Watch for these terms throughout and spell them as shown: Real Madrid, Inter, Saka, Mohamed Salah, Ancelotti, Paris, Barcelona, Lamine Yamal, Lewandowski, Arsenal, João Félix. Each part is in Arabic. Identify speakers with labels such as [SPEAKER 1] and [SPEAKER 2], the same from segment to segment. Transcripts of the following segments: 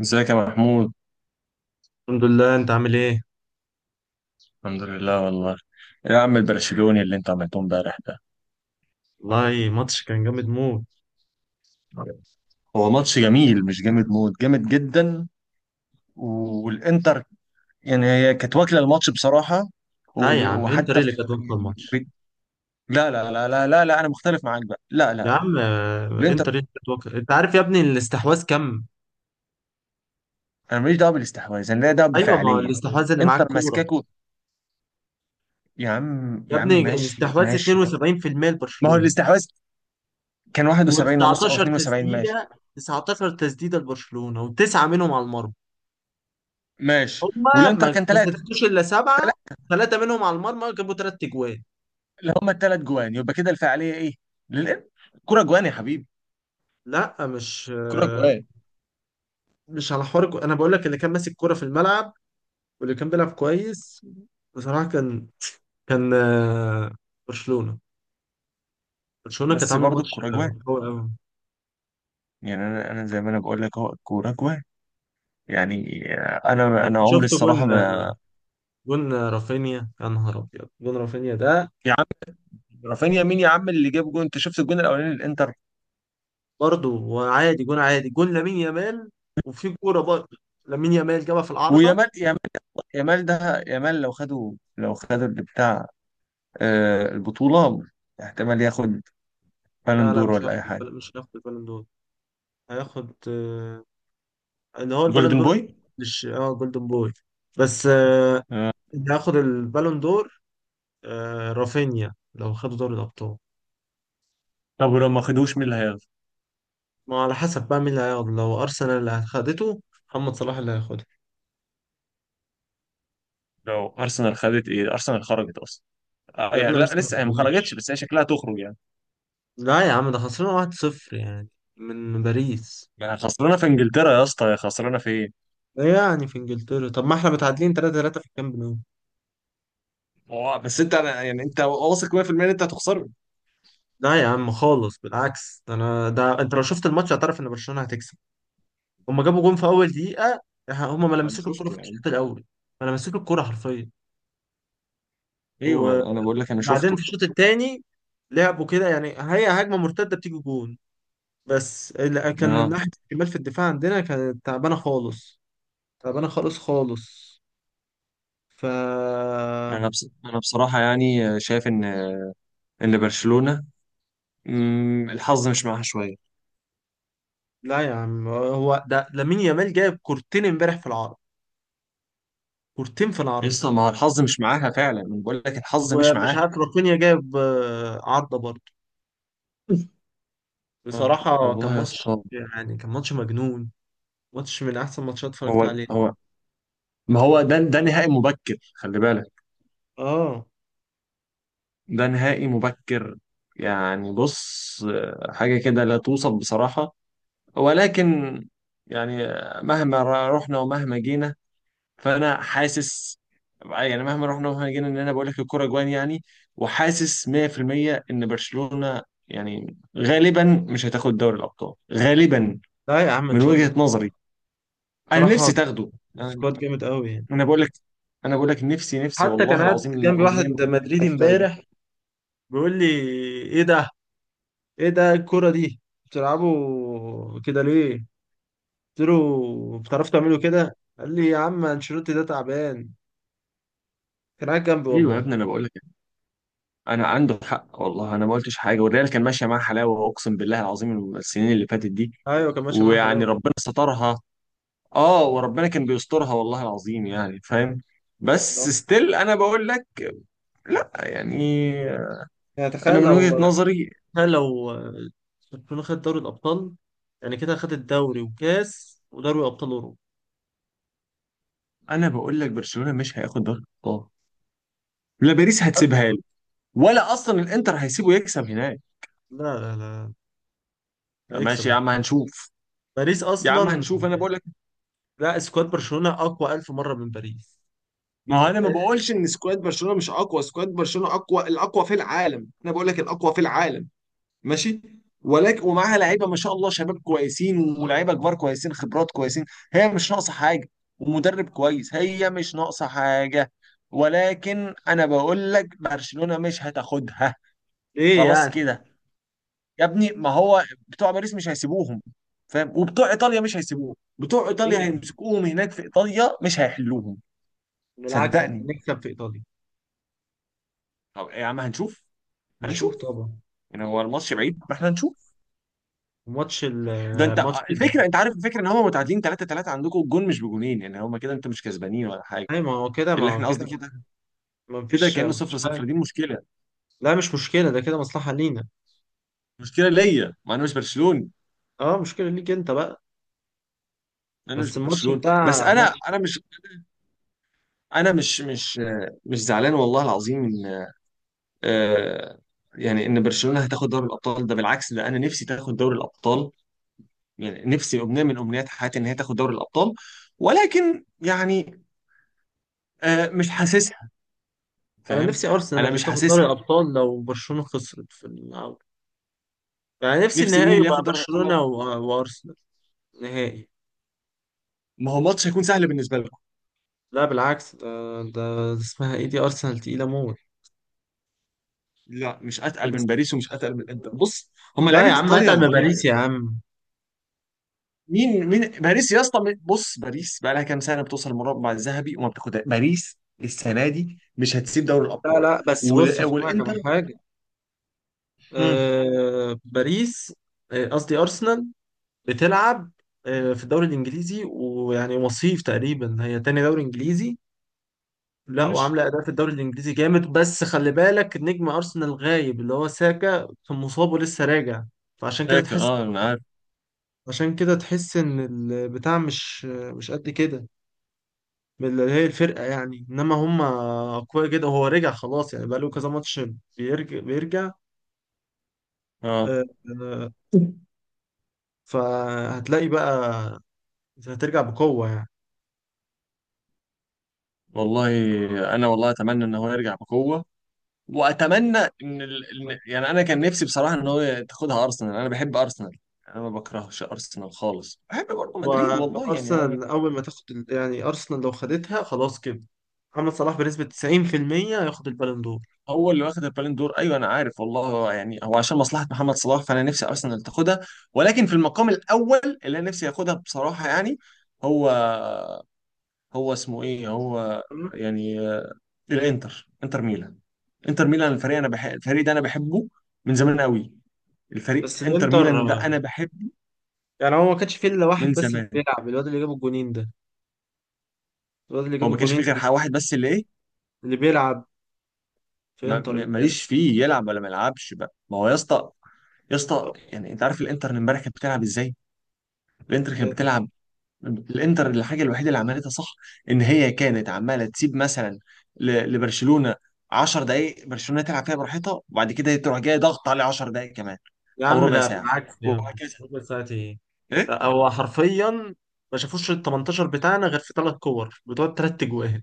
[SPEAKER 1] ازيك يا محمود؟
[SPEAKER 2] الحمد لله، انت عامل ايه؟
[SPEAKER 1] الحمد لله والله. يا عم، البرشلوني اللي انت عملته امبارح ده،
[SPEAKER 2] والله، ماتش كان جامد موت.
[SPEAKER 1] هو ماتش جميل، مش جامد موت، جامد جدا. والانتر، يعني هي كانت واكله الماتش بصراحه.
[SPEAKER 2] لا يا عم، انتر ايه
[SPEAKER 1] وحتى
[SPEAKER 2] اللي
[SPEAKER 1] في
[SPEAKER 2] كانت واكله
[SPEAKER 1] يعني
[SPEAKER 2] الماتش؟
[SPEAKER 1] لا لا لا لا لا لا، انا مختلف معاك بقى، لا
[SPEAKER 2] يا
[SPEAKER 1] لا لا.
[SPEAKER 2] عم،
[SPEAKER 1] الانتر،
[SPEAKER 2] انتر ايه اللي كانت واكله؟ انت عارف يا ابني الاستحواذ كام؟
[SPEAKER 1] انا ماليش دعوه بالاستحواذ، انا ليا دعوه
[SPEAKER 2] ايوه، ما هو
[SPEAKER 1] بالفعاليه.
[SPEAKER 2] الاستحواذ اللي معاك
[SPEAKER 1] انتر
[SPEAKER 2] كوره.
[SPEAKER 1] ماسكاكو. يا عم
[SPEAKER 2] يا
[SPEAKER 1] يا عم،
[SPEAKER 2] ابني،
[SPEAKER 1] ماشي
[SPEAKER 2] الاستحواذ
[SPEAKER 1] ماشي.
[SPEAKER 2] 72%
[SPEAKER 1] ما هو
[SPEAKER 2] لبرشلونه
[SPEAKER 1] الاستحواذ كان 71 ونص او
[SPEAKER 2] و19
[SPEAKER 1] 72، ماشي.
[SPEAKER 2] تسديده. 19 تسديده لبرشلونه، وتسعه منهم على المرمى.
[SPEAKER 1] ماشي،
[SPEAKER 2] هما
[SPEAKER 1] والانتر
[SPEAKER 2] ما
[SPEAKER 1] كان
[SPEAKER 2] ما
[SPEAKER 1] 3.
[SPEAKER 2] سددوش الا سبعه. ثلاثه منهم على المرمى، جابوا ثلاث اجوان.
[SPEAKER 1] اللي هما الثلاث جوان، يبقى كده الفعاليه ايه؟ للانتر. الكوره جوان يا حبيبي.
[SPEAKER 2] لا، مش
[SPEAKER 1] الكوره جوان.
[SPEAKER 2] مش على حوار انا بقول لك اللي كان ماسك كوره في الملعب، واللي كان بيلعب كويس. بصراحة كان كان آه، برشلونة برشلونة كانت
[SPEAKER 1] بس
[SPEAKER 2] عاملة
[SPEAKER 1] برضه
[SPEAKER 2] ماتش
[SPEAKER 1] الكوره جوان،
[SPEAKER 2] قوي قوي.
[SPEAKER 1] يعني انا زي ما انا بقول لك، اهو الكوره جوان، يعني. انا عمري
[SPEAKER 2] شفت
[SPEAKER 1] الصراحه
[SPEAKER 2] جون؟
[SPEAKER 1] ما...
[SPEAKER 2] جون رافينيا، يا نهار أبيض، جون رافينيا ده.
[SPEAKER 1] يا عم، رافينيا مين يا عم اللي جاب جون؟ انت شفت الجون الاولاني للانتر؟
[SPEAKER 2] برضه وعادي، جون عادي، جون لامين يامال. وفي كورة برضه، لامين يامال جابها في العارضة.
[SPEAKER 1] ويامال يامال. يامال ده، يامال لو خدوا اللي بتاع البطوله، احتمال ياخد بالون
[SPEAKER 2] لا لا،
[SPEAKER 1] دور
[SPEAKER 2] مش
[SPEAKER 1] ولا
[SPEAKER 2] هياخد
[SPEAKER 1] اي حاجه.
[SPEAKER 2] مش هياخد البالون دور. هياخد اللي هو البالون
[SPEAKER 1] جولدن
[SPEAKER 2] دور.
[SPEAKER 1] بوي.
[SPEAKER 2] مش اه، جولدن بوي. بس
[SPEAKER 1] آه.
[SPEAKER 2] اللي هياخد البالون دور رافينيا، لو خدوا دوري الأبطال.
[SPEAKER 1] طب ولو ما خدوش، مين اللي هياخد؟
[SPEAKER 2] ما على حسب بقى مين اللي هياخده. لو ارسنال اللي خدته، محمد صلاح اللي هياخده.
[SPEAKER 1] لو ارسنال خدت ايه؟ ارسنال خرجت اصلا. اه
[SPEAKER 2] يا
[SPEAKER 1] يعني
[SPEAKER 2] ابني،
[SPEAKER 1] لا،
[SPEAKER 2] ارسنال ما
[SPEAKER 1] لسه هي ما خرجتش،
[SPEAKER 2] فرقتش.
[SPEAKER 1] بس هي شكلها تخرج يعني.
[SPEAKER 2] لا يا عم، ده خسرنا 1-0 يعني، من باريس.
[SPEAKER 1] ما خسرانه في انجلترا يا اسطى، هي خسرانه في ايه؟
[SPEAKER 2] ده يعني في انجلترا. طب ما احنا متعادلين 3-3 في الكامب نو.
[SPEAKER 1] هو بس انت انا يعني، انت واثق 100% ان انت هتخسره؟
[SPEAKER 2] لا يا عم خالص، بالعكس، ده انا، ده انت لو شفت الماتش هتعرف ان برشلونة هتكسب. هما جابوا جون في اول دقيقة. هما ما
[SPEAKER 1] ما انا
[SPEAKER 2] لمسوك الكرة
[SPEAKER 1] شفته
[SPEAKER 2] في
[SPEAKER 1] يعني.
[SPEAKER 2] الشوط الاول، ما لمسوك الكرة حرفيا.
[SPEAKER 1] ايوه، ما انا بقول لك انا
[SPEAKER 2] وبعدين
[SPEAKER 1] شفته.
[SPEAKER 2] في الشوط الثاني لعبوا كده، يعني هي هجمة مرتدة بتيجي جون. بس لا، كان
[SPEAKER 1] اه.
[SPEAKER 2] ناحية الشمال في الدفاع عندنا كانت تعبانة خالص، تعبانة خالص خالص. ف
[SPEAKER 1] انا بصراحه يعني، شايف ان، ان برشلونه، الحظ مش معاها شويه.
[SPEAKER 2] لا يا عم، هو ده لامين يامال جايب كورتين امبارح في العرض. كورتين في
[SPEAKER 1] يا
[SPEAKER 2] العرض.
[SPEAKER 1] اسطى ما هو الحظ مش معاها فعلا، انا بقول لك الحظ مش
[SPEAKER 2] ومش
[SPEAKER 1] معاها.
[SPEAKER 2] عارف، رافينيا جايب عارضة برضه. بصراحة كان
[SPEAKER 1] والله يا
[SPEAKER 2] ماتش،
[SPEAKER 1] اسطى.
[SPEAKER 2] يعني كان ماتش مجنون. ماتش من أحسن ماتشات اتفرجت
[SPEAKER 1] هو
[SPEAKER 2] عليه.
[SPEAKER 1] هو ما هو ده نهائي مبكر، خلي بالك.
[SPEAKER 2] اه.
[SPEAKER 1] ده نهائي مبكر. يعني بص، حاجة كده لا توصف بصراحة. ولكن يعني مهما رحنا ومهما جينا، فأنا حاسس، يعني مهما رحنا ومهما جينا، إن أنا بقول لك الكرة جوان يعني. وحاسس 100% إن برشلونة، يعني غالبا مش هتاخد دوري الأبطال غالبا،
[SPEAKER 2] لا يا عم، إن
[SPEAKER 1] من
[SPEAKER 2] شاء الله.
[SPEAKER 1] وجهة نظري. أنا
[SPEAKER 2] بصراحة،
[SPEAKER 1] نفسي تاخده. أنا،
[SPEAKER 2] سكواد جامد قوي يعني.
[SPEAKER 1] بقول لك، بقول لك نفسي نفسي
[SPEAKER 2] حتى كان
[SPEAKER 1] والله
[SPEAKER 2] قاعد
[SPEAKER 1] العظيم
[SPEAKER 2] جنبي
[SPEAKER 1] الأمنية.
[SPEAKER 2] واحد مدريدي
[SPEAKER 1] عايز تاخده.
[SPEAKER 2] امبارح، بيقول لي: ايه ده؟ ايه ده الكرة دي بتلعبوا كده ليه؟ قلت له: بتعرفوا تعملوا كده؟ قال لي: يا عم، انشيلوتي ده تعبان. كان قاعد جنبي
[SPEAKER 1] ايوه يا
[SPEAKER 2] والله.
[SPEAKER 1] ابني، انا بقول لك، انا عنده حق والله. انا ما قلتش حاجه، والريال كان ماشيه معاه حلاوه، اقسم بالله العظيم، السنين اللي فاتت دي.
[SPEAKER 2] ايوه، كان ماشي معاه
[SPEAKER 1] ويعني
[SPEAKER 2] حلاوه.
[SPEAKER 1] ربنا سترها. اه، وربنا كان بيسترها والله العظيم، يعني فاهم.
[SPEAKER 2] لا.
[SPEAKER 1] بس ستيل، انا بقول لك، لا يعني،
[SPEAKER 2] يعني، تخيل
[SPEAKER 1] انا من وجهة
[SPEAKER 2] لو
[SPEAKER 1] نظري،
[SPEAKER 2] تخيل لو برشلونة خد دوري الابطال. يعني كده خد الدوري وكاس ودوري ابطال اوروبا.
[SPEAKER 1] انا بقول لك برشلونة مش هياخد دوري الابطال. لا، باريس هتسيبها له، ولا اصلا الانتر هيسيبه يكسب هناك.
[SPEAKER 2] لا لا لا، هيكسب
[SPEAKER 1] ماشي يا
[SPEAKER 2] انت.
[SPEAKER 1] عم، هنشوف.
[SPEAKER 2] باريس
[SPEAKER 1] يا عم
[SPEAKER 2] اصلا،
[SPEAKER 1] هنشوف، انا بقول لك،
[SPEAKER 2] لا، سكواد برشلونة اقوى الف مرة من باريس.
[SPEAKER 1] ما هو انا ما بقولش ان سكواد برشلونة مش اقوى، سكواد برشلونة اقوى، الاقوى في العالم، انا بقول لك الاقوى في العالم. ماشي. ولكن، ومعاها لعيبه ما شاء الله، شباب كويسين ولاعيبه كبار كويسين، خبرات كويسين، هي مش ناقصه حاجه. ومدرب كويس. هي مش ناقصه حاجه. ولكن انا بقول لك برشلونه مش هتاخدها.
[SPEAKER 2] ايه
[SPEAKER 1] خلاص
[SPEAKER 2] يعني؟
[SPEAKER 1] كده. يا ابني، ما هو بتوع باريس مش هيسيبوهم، فاهم؟ وبتوع ايطاليا مش هيسيبوهم، بتوع
[SPEAKER 2] ايه
[SPEAKER 1] ايطاليا
[SPEAKER 2] يعني؟
[SPEAKER 1] هيمسكوهم هناك في ايطاليا، مش هيحلوهم.
[SPEAKER 2] بالعكس، احنا
[SPEAKER 1] صدقني.
[SPEAKER 2] نكسب في ايطاليا.
[SPEAKER 1] طب يا عم هنشوف.
[SPEAKER 2] نشوف
[SPEAKER 1] هنشوف.
[SPEAKER 2] طبعا.
[SPEAKER 1] يعني هو الماتش بعيد، ما احنا هنشوف.
[SPEAKER 2] ماتش ال
[SPEAKER 1] ده انت،
[SPEAKER 2] ماتش ال
[SPEAKER 1] الفكره، انت عارف الفكره، ان هم متعادلين 3-3 عندكم، الجون مش بجونين يعني، هم كده انت مش كسبانين ولا حاجه.
[SPEAKER 2] أي، ما هو كده ما
[SPEAKER 1] اللي
[SPEAKER 2] هو
[SPEAKER 1] احنا قصدي
[SPEAKER 2] كده.
[SPEAKER 1] كده،
[SPEAKER 2] ما
[SPEAKER 1] كده
[SPEAKER 2] فيش
[SPEAKER 1] كانه
[SPEAKER 2] ما
[SPEAKER 1] 0
[SPEAKER 2] فيش
[SPEAKER 1] 0
[SPEAKER 2] حاجة.
[SPEAKER 1] دي مشكله.
[SPEAKER 2] لا، مش مشكلة، ده كده مصلحة لينا.
[SPEAKER 1] مشكله ليا، ما انا مش برشلوني.
[SPEAKER 2] اه، مشكلة ليك أنت بقى.
[SPEAKER 1] انا مش
[SPEAKER 2] بس الماتش
[SPEAKER 1] برشلوني، بس
[SPEAKER 2] بتاع
[SPEAKER 1] انا
[SPEAKER 2] ماتش.
[SPEAKER 1] انا مش انا مش مش مش زعلان والله العظيم ان آه، يعني ان برشلونه هتاخد دوري الابطال. ده بالعكس، ده انا نفسي تاخد دوري الابطال، يعني نفسي، امنيه من امنيات حياتي ان هي تاخد دوري الابطال. ولكن يعني مش حاسسها.
[SPEAKER 2] أنا نفسي
[SPEAKER 1] فاهم؟
[SPEAKER 2] أرسنال
[SPEAKER 1] انا
[SPEAKER 2] اللي
[SPEAKER 1] مش
[SPEAKER 2] تاخد دوري
[SPEAKER 1] حاسسها.
[SPEAKER 2] الأبطال لو برشلونة خسرت في الأول. يعني نفسي
[SPEAKER 1] نفسي
[SPEAKER 2] النهائي
[SPEAKER 1] مين اللي
[SPEAKER 2] يبقى
[SPEAKER 1] ياخد دوري الابطال.
[SPEAKER 2] برشلونة وأرسنال. نهائي.
[SPEAKER 1] ما هو ماتش هيكون سهل بالنسبه لكم.
[SPEAKER 2] لا بالعكس، ده اسمها إيه دي، أرسنال تقيلة موت.
[SPEAKER 1] لا، مش اتقل من باريس، ومش اتقل من الانتر. بص، هم
[SPEAKER 2] لا
[SPEAKER 1] لعيبه
[SPEAKER 2] يا عم،
[SPEAKER 1] ايطاليا يا
[SPEAKER 2] اتعب من
[SPEAKER 1] محمود.
[SPEAKER 2] باريس يا عم.
[SPEAKER 1] مين باريس يا اسطى، بص، باريس بقى لها كام سنه بتوصل المربع الذهبي وما بتاخدها باريس. السنه دي مش هتسيب دوري
[SPEAKER 2] لا
[SPEAKER 1] الابطال.
[SPEAKER 2] لا، بس بص هفهمك على
[SPEAKER 1] والانتر.
[SPEAKER 2] حاجة.
[SPEAKER 1] مم.
[SPEAKER 2] آه، باريس، قصدي أرسنال، بتلعب في الدوري الانجليزي، ويعني وصيف تقريبا، هي تاني دوري انجليزي. لا،
[SPEAKER 1] ماشي،
[SPEAKER 2] وعامله اداء في الدوري الانجليزي جامد. بس خلي بالك، نجم ارسنال غايب، اللي هو ساكا، كان مصاب ولسه راجع. فعشان كده
[SPEAKER 1] لكن
[SPEAKER 2] تحس،
[SPEAKER 1] اه انا عارف.
[SPEAKER 2] عشان كده تحس ان البتاع مش قد كده، اللي هي الفرقه يعني. انما هم اقوياء جدا، وهو رجع خلاص، يعني بقاله كذا ماتش بيرجع بيرجع.
[SPEAKER 1] اه
[SPEAKER 2] آه، آه، فهتلاقي بقى، هترجع بقوه يعني.
[SPEAKER 1] والله، انا والله اتمنى ان هو يرجع بقوه، واتمنى يعني انا كان نفسي بصراحه ان هو تاخدها ارسنال، انا بحب ارسنال. انا ما بكرهش ارسنال خالص، بحب برضه مدريد والله، يعني انا.
[SPEAKER 2] وارسنال اول ما تاخد يعني ارسنال لو خدتها، خلاص كده، محمد صلاح بنسبه 90% هياخد البالون دور.
[SPEAKER 1] هو اللي واخد البالون دور، ايوه انا عارف والله. هو يعني، هو عشان مصلحه محمد صلاح، فانا نفسي ارسنال تاخدها. ولكن في المقام الاول، اللي انا نفسي ياخدها بصراحه يعني، هو هو اسمه ايه؟ هو
[SPEAKER 2] تمام؟
[SPEAKER 1] يعني الانتر، انتر ميلان. انتر ميلان، الفريق، انا بحب الفريق ده، انا بحبه من زمان قوي.
[SPEAKER 2] بس
[SPEAKER 1] الفريق انتر
[SPEAKER 2] الانتر
[SPEAKER 1] ميلان ده انا بحبه
[SPEAKER 2] يعني هو ما كانش فيه الا واحد
[SPEAKER 1] من
[SPEAKER 2] بس اللي
[SPEAKER 1] زمان.
[SPEAKER 2] بيلعب، الواد اللي جاب الجونين ده. الواد اللي
[SPEAKER 1] هو
[SPEAKER 2] جاب
[SPEAKER 1] ما كانش
[SPEAKER 2] الجونين،
[SPEAKER 1] فيه غير حاجة واحد بس، اللي ايه؟
[SPEAKER 2] اللي بيلعب في انتر امبارح.
[SPEAKER 1] ماليش فيه يلعب ولا ما يلعبش بقى. ما هو يا اسطى، يا اسطى
[SPEAKER 2] طب
[SPEAKER 1] يعني، انت عارف الانتر امبارح كانت بتلعب ازاي؟ الانتر كانت
[SPEAKER 2] ازاي؟
[SPEAKER 1] بتلعب. الانتر، الحاجه الوحيده اللي عملتها صح، ان هي كانت عماله تسيب مثلا لبرشلونه 10 دقائق، برشلونه تلعب فيها براحتها، وبعد كده تروح جاي ضغط عليه 10 دقائق كمان،
[SPEAKER 2] يا
[SPEAKER 1] او
[SPEAKER 2] عم
[SPEAKER 1] ربع
[SPEAKER 2] لا،
[SPEAKER 1] ساعه،
[SPEAKER 2] بالعكس يا عم.
[SPEAKER 1] وهكذا.
[SPEAKER 2] ربع ساعة ايه؟
[SPEAKER 1] ايه.
[SPEAKER 2] لا، هو حرفيا ما شافوش ال 18 بتاعنا غير في ثلاث كور بتوع ثلاث اجوان.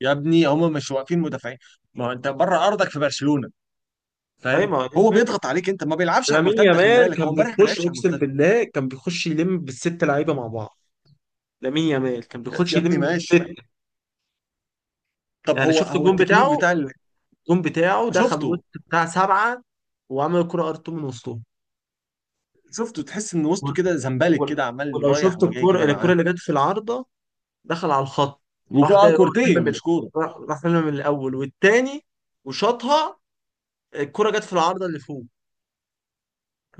[SPEAKER 1] يا ابني، هم مش واقفين مدافعين، ما هو انت بره ارضك في برشلونه،
[SPEAKER 2] ايوه، ما
[SPEAKER 1] فاهم؟
[SPEAKER 2] هو دي
[SPEAKER 1] هو
[SPEAKER 2] الفكرة.
[SPEAKER 1] بيضغط عليك، انت ما بيلعبش على
[SPEAKER 2] لامين
[SPEAKER 1] المرتده، خلي
[SPEAKER 2] يامال
[SPEAKER 1] بالك هو
[SPEAKER 2] كان
[SPEAKER 1] امبارح ما
[SPEAKER 2] بيخش،
[SPEAKER 1] لعبش على
[SPEAKER 2] اقسم
[SPEAKER 1] المرتده.
[SPEAKER 2] بالله كان بيخش يلم بالست لعيبه مع بعض. لامين يامال كان
[SPEAKER 1] يا
[SPEAKER 2] بيخش
[SPEAKER 1] يا ابني
[SPEAKER 2] يلم
[SPEAKER 1] ماشي.
[SPEAKER 2] بالست.
[SPEAKER 1] طب،
[SPEAKER 2] يعني
[SPEAKER 1] هو
[SPEAKER 2] شفت
[SPEAKER 1] هو
[SPEAKER 2] الجون
[SPEAKER 1] التكنيك
[SPEAKER 2] بتاعه؟
[SPEAKER 1] بتاع
[SPEAKER 2] الجون بتاعه دخل
[SPEAKER 1] شفته.
[SPEAKER 2] وسط بتاع سبعه، وعمل كرة ار اتنين من وسطهم.
[SPEAKER 1] شفته، تحس ان وسطه
[SPEAKER 2] وال-
[SPEAKER 1] كده زمبلك
[SPEAKER 2] وال-
[SPEAKER 1] كده، عمال
[SPEAKER 2] ولو
[SPEAKER 1] رايح
[SPEAKER 2] شفت
[SPEAKER 1] وجاي
[SPEAKER 2] الكرة،
[SPEAKER 1] كده معاه.
[SPEAKER 2] اللي جت في العارضه، دخل على الخط. راح جاي، راح
[SPEAKER 1] وكورتين،
[SPEAKER 2] لم من،
[SPEAKER 1] مش كوره.
[SPEAKER 2] راح لم من الاول والتاني وشاطها. الكرة جت في العارضه اللي فوق،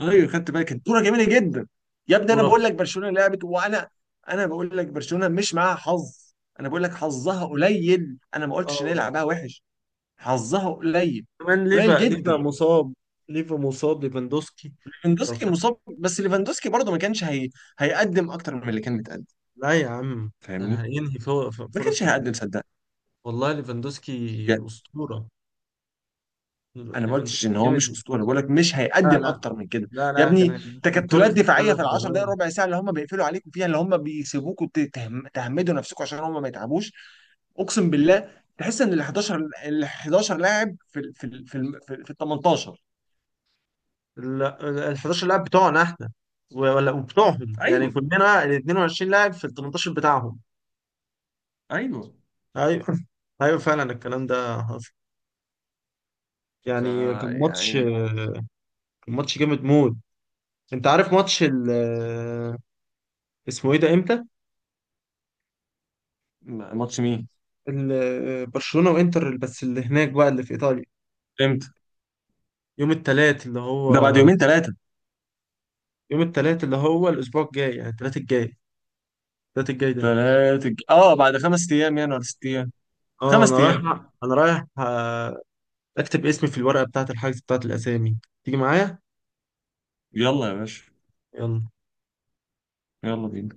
[SPEAKER 1] ايوه خدت بالي، كانت كوره جميله جدا. يا ابني انا بقول
[SPEAKER 2] ورفع.
[SPEAKER 1] لك برشلونه لعبت، وانا، انا بقول لك برشلونه مش معاها حظ، انا بقول لك حظها قليل، انا ما
[SPEAKER 2] اه
[SPEAKER 1] قلتش ان هي
[SPEAKER 2] والله.
[SPEAKER 1] لعبها وحش. حظها قليل،
[SPEAKER 2] كمان
[SPEAKER 1] قليل
[SPEAKER 2] ليفا ليفا
[SPEAKER 1] جدا.
[SPEAKER 2] مصاب. ليفا مصاب، ليفاندوسكي.
[SPEAKER 1] ليفاندوسكي مصاب، بس ليفاندوسكي برضه ما كانش هيقدم اكتر من اللي كان متقدم،
[SPEAKER 2] لا يا عم، ده أنا
[SPEAKER 1] فاهمني؟
[SPEAKER 2] هينهي
[SPEAKER 1] ما
[SPEAKER 2] فرص
[SPEAKER 1] كانش
[SPEAKER 2] كتير.
[SPEAKER 1] هيقدم صدق.
[SPEAKER 2] والله ليفاندوسكي أسطورة،
[SPEAKER 1] انا ما قلتش ان
[SPEAKER 2] ليفاندوسكي
[SPEAKER 1] هو مش
[SPEAKER 2] جامد.
[SPEAKER 1] اسطوري، بقول لك مش
[SPEAKER 2] لا
[SPEAKER 1] هيقدم
[SPEAKER 2] لا.
[SPEAKER 1] اكتر من كده.
[SPEAKER 2] لا
[SPEAKER 1] يا
[SPEAKER 2] لا، كان
[SPEAKER 1] ابني
[SPEAKER 2] كان
[SPEAKER 1] تكتلات
[SPEAKER 2] كورة،
[SPEAKER 1] دفاعيه
[SPEAKER 2] أنا
[SPEAKER 1] في العشر دقائق
[SPEAKER 2] تعبان.
[SPEAKER 1] ربع ساعه اللي هم بيقفلوا عليكم فيها، اللي هم بيسيبوكوا تهمدوا نفسكم عشان هم ما يتعبوش. اقسم بالله، تحس ان ال 11، ال 11 لاعب في ال 18.
[SPEAKER 2] 11 لاعب بتوعنا احنا ولا، وبتوعهم يعني،
[SPEAKER 1] ايوه.
[SPEAKER 2] كلنا ال 22 لاعب في ال 18 بتاعهم.
[SPEAKER 1] ايوه.
[SPEAKER 2] ايوه. ايوه فعلا، الكلام ده حصل.
[SPEAKER 1] ف
[SPEAKER 2] يعني كان ماتش،
[SPEAKER 1] يعني.
[SPEAKER 2] كان ماتش جامد موت. انت عارف ماتش اسمه ايه ده، امتى؟
[SPEAKER 1] ماتش مين؟
[SPEAKER 2] برشلونة وانتر، بس اللي هناك بقى، اللي في ايطاليا.
[SPEAKER 1] امتى؟
[SPEAKER 2] يوم التلات اللي هو
[SPEAKER 1] ده بعد يومين ثلاثه.
[SPEAKER 2] يوم التلات اللي هو الأسبوع الجاي، يعني التلات الجاي، التلات الجاي ده.
[SPEAKER 1] ثلاثه، اه، بعد خمس ايام يعني، ولا ست ايام؟
[SPEAKER 2] اه،
[SPEAKER 1] خمس
[SPEAKER 2] أنا رايح،
[SPEAKER 1] ايام.
[SPEAKER 2] أنا رايح أكتب اسمي في الورقة بتاعة الحجز بتاعة الأسامي. تيجي معايا؟
[SPEAKER 1] يلا يا باشا.
[SPEAKER 2] يلا.
[SPEAKER 1] يلا بينا.